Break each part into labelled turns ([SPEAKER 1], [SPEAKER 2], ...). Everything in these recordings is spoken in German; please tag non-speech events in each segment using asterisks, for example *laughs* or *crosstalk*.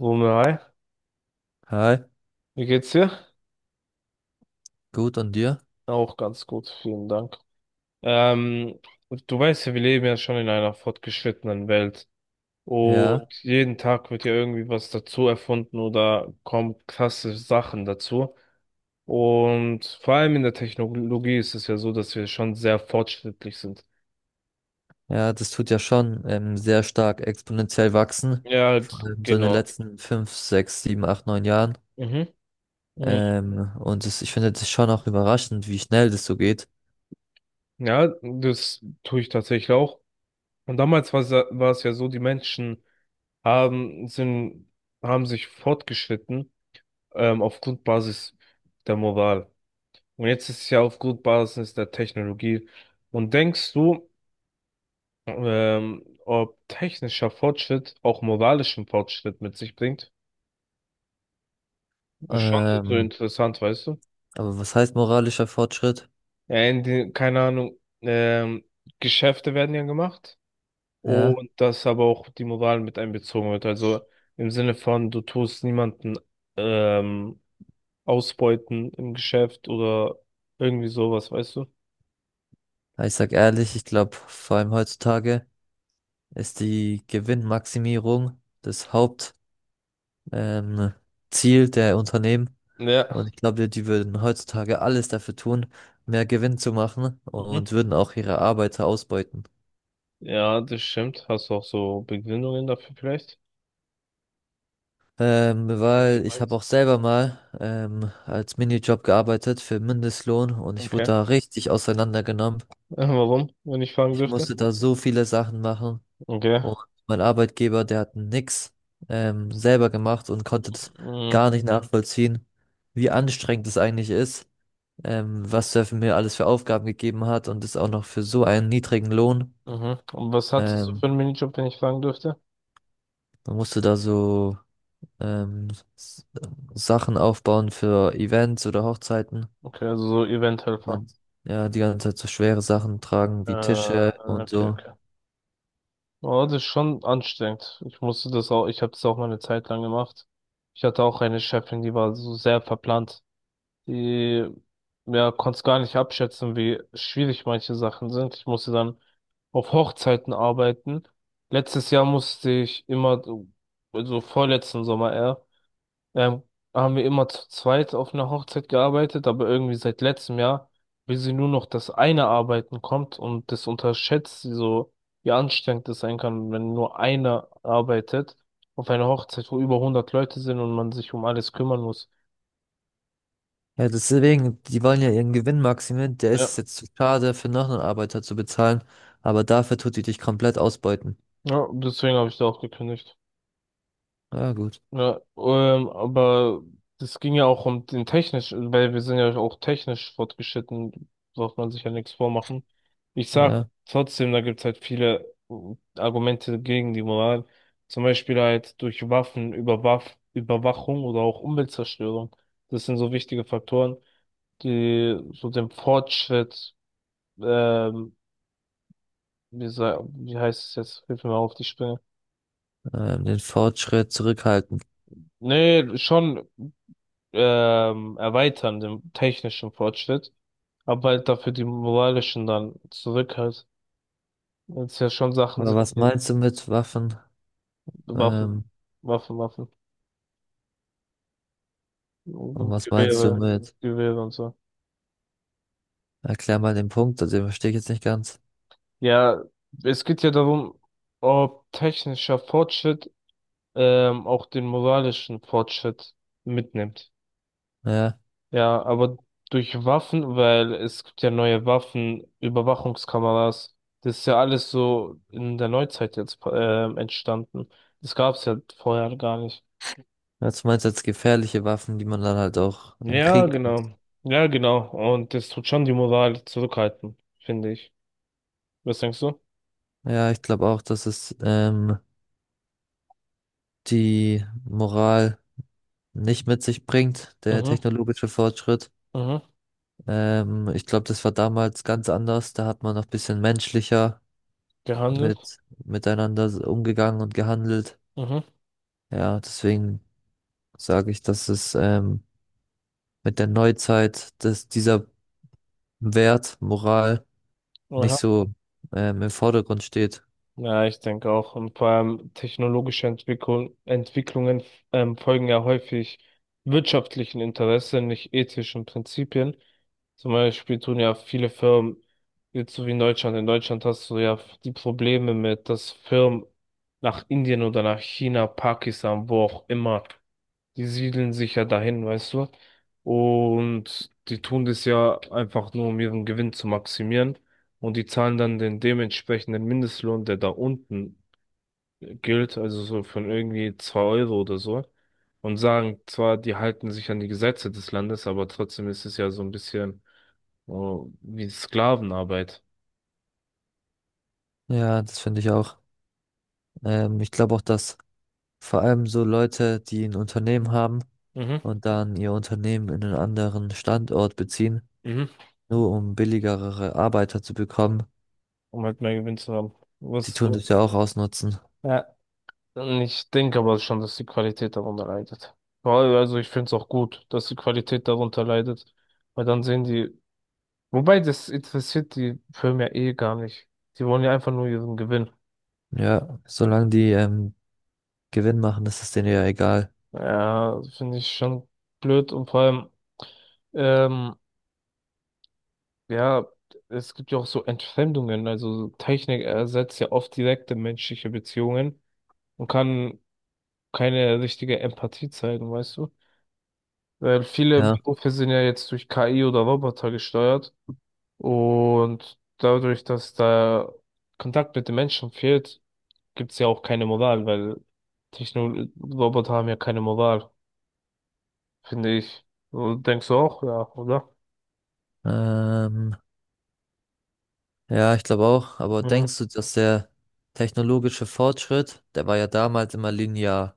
[SPEAKER 1] Wumme, hi,
[SPEAKER 2] Hi,
[SPEAKER 1] wie geht's dir?
[SPEAKER 2] gut und dir?
[SPEAKER 1] Auch ganz gut, vielen Dank. Ähm, Du weißt ja, wir leben ja schon in einer fortgeschrittenen Welt, und
[SPEAKER 2] Ja,
[SPEAKER 1] jeden Tag wird ja irgendwie was dazu erfunden oder kommen krasse Sachen dazu. Und vor allem in der Technologie ist es ja so, dass wir schon sehr fortschrittlich sind.
[SPEAKER 2] ja, das tut ja schon sehr stark exponentiell wachsen.
[SPEAKER 1] Ja,
[SPEAKER 2] Vor allem so in den
[SPEAKER 1] genau.
[SPEAKER 2] letzten fünf, sechs, sieben, acht, neun Jahren.
[SPEAKER 1] Mhm. Mhm.
[SPEAKER 2] Und das, ich finde das schon auch überraschend, wie schnell das so geht.
[SPEAKER 1] Ja, das tue ich tatsächlich auch. Und damals war es ja so, die Menschen haben, sind, haben sich fortgeschritten, auf Grundbasis der Moral. Und jetzt ist es ja auf Grundbasis der Technologie. Und denkst du, ob technischer Fortschritt auch moralischen Fortschritt mit sich bringt? Ist schon so
[SPEAKER 2] Ähm,
[SPEAKER 1] interessant, weißt du?
[SPEAKER 2] aber was heißt moralischer Fortschritt?
[SPEAKER 1] Ja, in die, keine Ahnung, Geschäfte werden ja gemacht,
[SPEAKER 2] Ja,
[SPEAKER 1] und dass aber auch die Moral mit einbezogen wird. Also im Sinne von, du tust niemanden ähm, ausbeuten im Geschäft oder irgendwie sowas, weißt du?
[SPEAKER 2] ich sag ehrlich, ich glaube, vor allem heutzutage ist die Gewinnmaximierung das Haupt, ähm, Ziel der Unternehmen.
[SPEAKER 1] Ja.
[SPEAKER 2] Und ich glaube, die würden heutzutage alles dafür tun, mehr Gewinn zu machen
[SPEAKER 1] Mhm.
[SPEAKER 2] und würden auch ihre Arbeiter ausbeuten.
[SPEAKER 1] Ja, das stimmt. Hast du auch so Begründungen dafür vielleicht?
[SPEAKER 2] Weil ich habe auch selber mal als Minijob gearbeitet für Mindestlohn und ich wurde
[SPEAKER 1] Okay.
[SPEAKER 2] da richtig auseinandergenommen.
[SPEAKER 1] *laughs* Warum, wenn ich fragen
[SPEAKER 2] Ich
[SPEAKER 1] dürfte?
[SPEAKER 2] musste da so viele Sachen machen
[SPEAKER 1] Okay.
[SPEAKER 2] und mein Arbeitgeber, der hat nix selber gemacht und konnte das
[SPEAKER 1] Mhm.
[SPEAKER 2] gar nicht nachvollziehen, wie anstrengend das eigentlich ist, was er mir alles für Aufgaben gegeben hat und das auch noch für so einen niedrigen Lohn.
[SPEAKER 1] Mhm. Und was hattest du für
[SPEAKER 2] Ähm,
[SPEAKER 1] einen Minijob, wenn ich fragen dürfte?
[SPEAKER 2] dann musst du da so ähm, s- Sachen aufbauen für Events oder Hochzeiten.
[SPEAKER 1] Okay, also so Eventhelfer.
[SPEAKER 2] Dann- Ja, die ganze Zeit so schwere Sachen tragen wie Tische und
[SPEAKER 1] Okay,
[SPEAKER 2] so.
[SPEAKER 1] okay. Oh, das ist schon anstrengend. Ich musste das auch, ich habe das auch mal eine Zeit lang gemacht. Ich hatte auch eine Chefin, die war so sehr verplant. Die, ja, konnte es gar nicht abschätzen, wie schwierig manche Sachen sind. Ich musste dann auf Hochzeiten arbeiten. Letztes Jahr musste ich immer, also vorletzten Sommer eher, ähm, haben wir immer zu zweit auf einer Hochzeit gearbeitet, aber irgendwie seit letztem Jahr will sie nur noch das eine Arbeiten kommt, und das unterschätzt sie so, wie anstrengend das sein kann, wenn nur einer arbeitet auf einer Hochzeit, wo über hundert Leute sind und man sich um alles kümmern muss.
[SPEAKER 2] Ja, deswegen, die wollen ja ihren Gewinn maximieren. Der ist
[SPEAKER 1] Ja.
[SPEAKER 2] es jetzt zu schade, für noch einen Arbeiter zu bezahlen, aber dafür tut die dich komplett ausbeuten.
[SPEAKER 1] Ja, deswegen habe ich da auch gekündigt.
[SPEAKER 2] Ja, gut.
[SPEAKER 1] Ja, aber das ging ja auch um den technisch, weil wir sind ja auch technisch fortgeschritten, darf man sich ja nichts vormachen. Ich sag
[SPEAKER 2] Ja,
[SPEAKER 1] trotzdem, da gibt's halt viele Argumente gegen die Moral. Zum Beispiel halt durch Waffen, Überwaff Überwachung oder auch Umweltzerstörung. Das sind so wichtige Faktoren, die so dem Fortschritt, ähm, wie, wie heißt es jetzt? Hilf mir mal auf die Sprünge.
[SPEAKER 2] den Fortschritt zurückhalten.
[SPEAKER 1] Nee, schon erweitern, den technischen Fortschritt, aber halt dafür die moralischen dann zurück halt. Weil es ja schon Sachen
[SPEAKER 2] Aber
[SPEAKER 1] sind,
[SPEAKER 2] was
[SPEAKER 1] die
[SPEAKER 2] meinst du mit Waffen?
[SPEAKER 1] Waffen,
[SPEAKER 2] Ähm,
[SPEAKER 1] Waffen,
[SPEAKER 2] und was meinst du
[SPEAKER 1] Gewehre,
[SPEAKER 2] mit?
[SPEAKER 1] Gewehre und so.
[SPEAKER 2] Erklär mal den Punkt, also den verstehe ich jetzt nicht ganz.
[SPEAKER 1] Ja, es geht ja darum, ob technischer Fortschritt auch den moralischen Fortschritt mitnimmt.
[SPEAKER 2] Ja.
[SPEAKER 1] Ja, aber durch Waffen, weil es gibt ja neue Waffen, Überwachungskameras, das ist ja alles so in der Neuzeit jetzt entstanden. Das gab's ja vorher gar nicht.
[SPEAKER 2] Was meinst du als gefährliche Waffen, die man dann halt auch im
[SPEAKER 1] Ja,
[SPEAKER 2] Krieg.
[SPEAKER 1] genau. Ja, genau. Und das tut schon die Moral zurückhalten, finde ich. Was denkst du?
[SPEAKER 2] Ja, ich glaube auch, dass es die Moral nicht mit sich bringt, der
[SPEAKER 1] Mhm,
[SPEAKER 2] technologische Fortschritt.
[SPEAKER 1] mhm.
[SPEAKER 2] Ich glaube, das war damals ganz anders. Da hat man noch ein bisschen menschlicher
[SPEAKER 1] Gehandelt.
[SPEAKER 2] mit miteinander umgegangen und gehandelt.
[SPEAKER 1] Mhm.
[SPEAKER 2] Ja, deswegen sage ich, dass es mit der Neuzeit, dass dieser Wert Moral nicht
[SPEAKER 1] Aha.
[SPEAKER 2] so im Vordergrund steht.
[SPEAKER 1] Ja, ich denke auch. Und vor allem technologische Entwicklung, Entwicklungen, folgen ja häufig wirtschaftlichen Interessen, nicht ethischen Prinzipien. Zum Beispiel tun ja viele Firmen, jetzt so wie in Deutschland hast du ja die Probleme mit, dass Firmen nach Indien oder nach China, Pakistan, wo auch immer, die siedeln sich ja dahin, weißt du? Und die tun das ja einfach nur, um ihren Gewinn zu maximieren. Und die zahlen dann den dementsprechenden Mindestlohn, der da unten gilt, also so von irgendwie 2 Euro oder so. Und sagen zwar, die halten sich an die Gesetze des Landes, aber trotzdem ist es ja so ein bisschen, oh, wie Sklavenarbeit.
[SPEAKER 2] Ja, das finde ich auch. Ich glaube auch, dass vor allem so Leute, die ein Unternehmen haben
[SPEAKER 1] Mhm.
[SPEAKER 2] und dann ihr Unternehmen in einen anderen Standort beziehen,
[SPEAKER 1] Mhm.
[SPEAKER 2] nur um billigere Arbeiter zu bekommen,
[SPEAKER 1] Um halt mehr Gewinn zu haben.
[SPEAKER 2] die
[SPEAKER 1] Was,
[SPEAKER 2] tun das ja auch ausnutzen.
[SPEAKER 1] ja. Und ich denke aber schon, dass die Qualität darunter leidet. Vor allem, also ich finde es auch gut, dass die Qualität darunter leidet, weil dann sehen die, wobei das interessiert die Firmen ja eh gar nicht. Die wollen ja einfach nur ihren Gewinn.
[SPEAKER 2] Ja, solange die Gewinn machen, ist es denen ja egal.
[SPEAKER 1] Ja, finde ich schon blöd, und vor allem, ähm, ja, es gibt ja auch so Entfremdungen, also Technik ersetzt ja oft direkte menschliche Beziehungen und kann keine richtige Empathie zeigen, weißt du? Weil viele
[SPEAKER 2] Ja,
[SPEAKER 1] Berufe sind ja jetzt durch KI oder Roboter gesteuert. Und dadurch, dass da Kontakt mit den Menschen fehlt, gibt's ja auch keine Moral, weil Technologie-Roboter haben ja keine Moral, finde ich. Du denkst du auch, ja, oder?
[SPEAKER 2] ähm, ja, ich glaube auch. Aber
[SPEAKER 1] Mhm.
[SPEAKER 2] denkst du, dass der technologische Fortschritt, der war ja damals immer linear.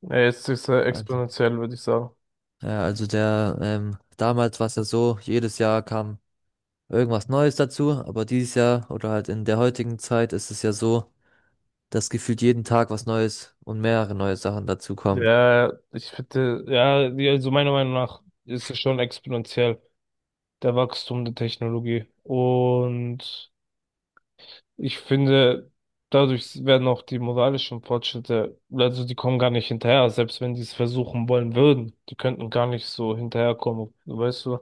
[SPEAKER 1] Ja, jetzt ist er
[SPEAKER 2] Also,
[SPEAKER 1] exponentiell, würde ich sagen.
[SPEAKER 2] ja, also der, damals war es ja so, jedes Jahr kam irgendwas Neues dazu, aber dieses Jahr oder halt in der heutigen Zeit ist es ja so, dass gefühlt jeden Tag was Neues und mehrere neue Sachen dazu kommen.
[SPEAKER 1] Ja, ich finde, ja, die- also meiner Meinung nach ist es schon exponentiell, der Wachstum der Technologie. Und ich finde, dadurch werden auch die moralischen Fortschritte, also die kommen gar nicht hinterher, selbst wenn die es versuchen wollen würden. Die könnten gar nicht so hinterherkommen, weißt du?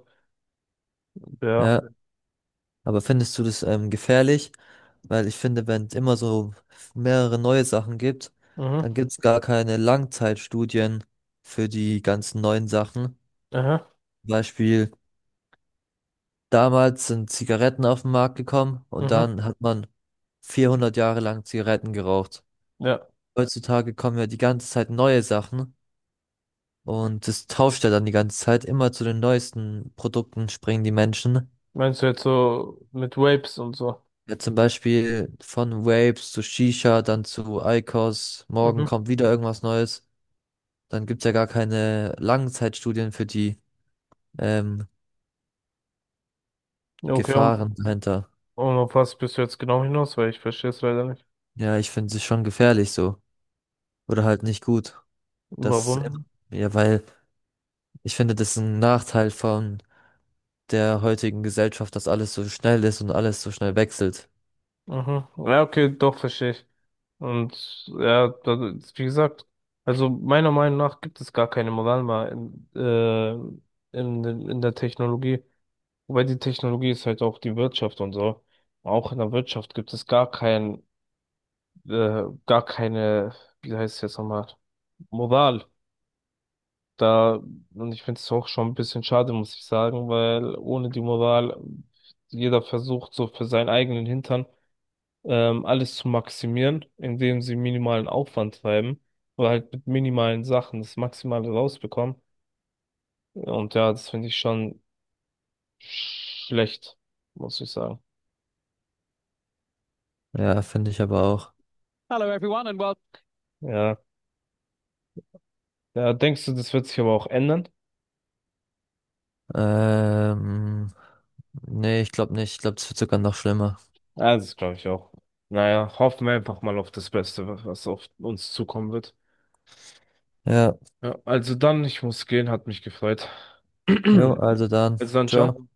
[SPEAKER 1] Ja.
[SPEAKER 2] Ja, aber findest du das gefährlich? Weil ich finde, wenn es immer so mehrere neue Sachen gibt,
[SPEAKER 1] Mhm.
[SPEAKER 2] dann gibt es gar keine Langzeitstudien für die ganzen neuen Sachen.
[SPEAKER 1] Aha.
[SPEAKER 2] Zum Beispiel, damals sind Zigaretten auf den Markt gekommen und
[SPEAKER 1] Mhm.
[SPEAKER 2] dann hat man 400 Jahre lang Zigaretten geraucht.
[SPEAKER 1] Ja.
[SPEAKER 2] Heutzutage kommen ja die ganze Zeit neue Sachen. Und das tauscht ja dann die ganze Zeit. Immer zu den neuesten Produkten springen die Menschen.
[SPEAKER 1] Meinst du jetzt so mit Vapes und so?
[SPEAKER 2] Ja, zum Beispiel von Vapes zu Shisha, dann zu IQOS. Morgen
[SPEAKER 1] Mhm.
[SPEAKER 2] kommt wieder irgendwas Neues. Dann gibt's ja gar keine Langzeitstudien für die ähm,
[SPEAKER 1] Okay,
[SPEAKER 2] Gefahren dahinter.
[SPEAKER 1] und auf was bist du jetzt genau hinaus? Weil ich verstehe es leider nicht.
[SPEAKER 2] Ja, ich finde es schon gefährlich so. Oder halt nicht gut. Das, ähm,
[SPEAKER 1] Warum?
[SPEAKER 2] ja, weil ich finde, das ist ein Nachteil von der heutigen Gesellschaft, dass alles so schnell ist und alles so schnell wechselt.
[SPEAKER 1] Mhm. Ja, okay, doch verstehe ich. Und ja, da- wie gesagt, also meiner Meinung nach gibt es gar keine Moral mehr in der Technologie. Wobei die Technologie ist halt auch die Wirtschaft und so. Auch in der Wirtschaft gibt es gar kein, gar keine, wie heißt es jetzt nochmal, Moral. Da, und ich finde es auch schon ein bisschen schade, muss ich sagen, weil ohne die Moral jeder versucht so für seinen eigenen Hintern alles zu maximieren, indem sie minimalen Aufwand treiben oder halt mit minimalen Sachen das Maximale rausbekommen. Und ja, das finde ich schon schlecht, muss ich sagen.
[SPEAKER 2] Ja, finde ich aber auch.
[SPEAKER 1] Ja. Ja, denkst du, das wird sich aber auch ändern?
[SPEAKER 2] Ähm, nee, ich glaube nicht. Ich glaube, das wird sogar noch schlimmer.
[SPEAKER 1] Ja, das glaube ich auch. Naja, hoffen wir einfach mal auf das Beste, was auf uns zukommen wird.
[SPEAKER 2] Ja,
[SPEAKER 1] Ja, also dann, ich muss gehen, hat mich gefreut. *clears throat*
[SPEAKER 2] jo, ja, also dann.
[SPEAKER 1] Also dann, ciao.
[SPEAKER 2] Ciao.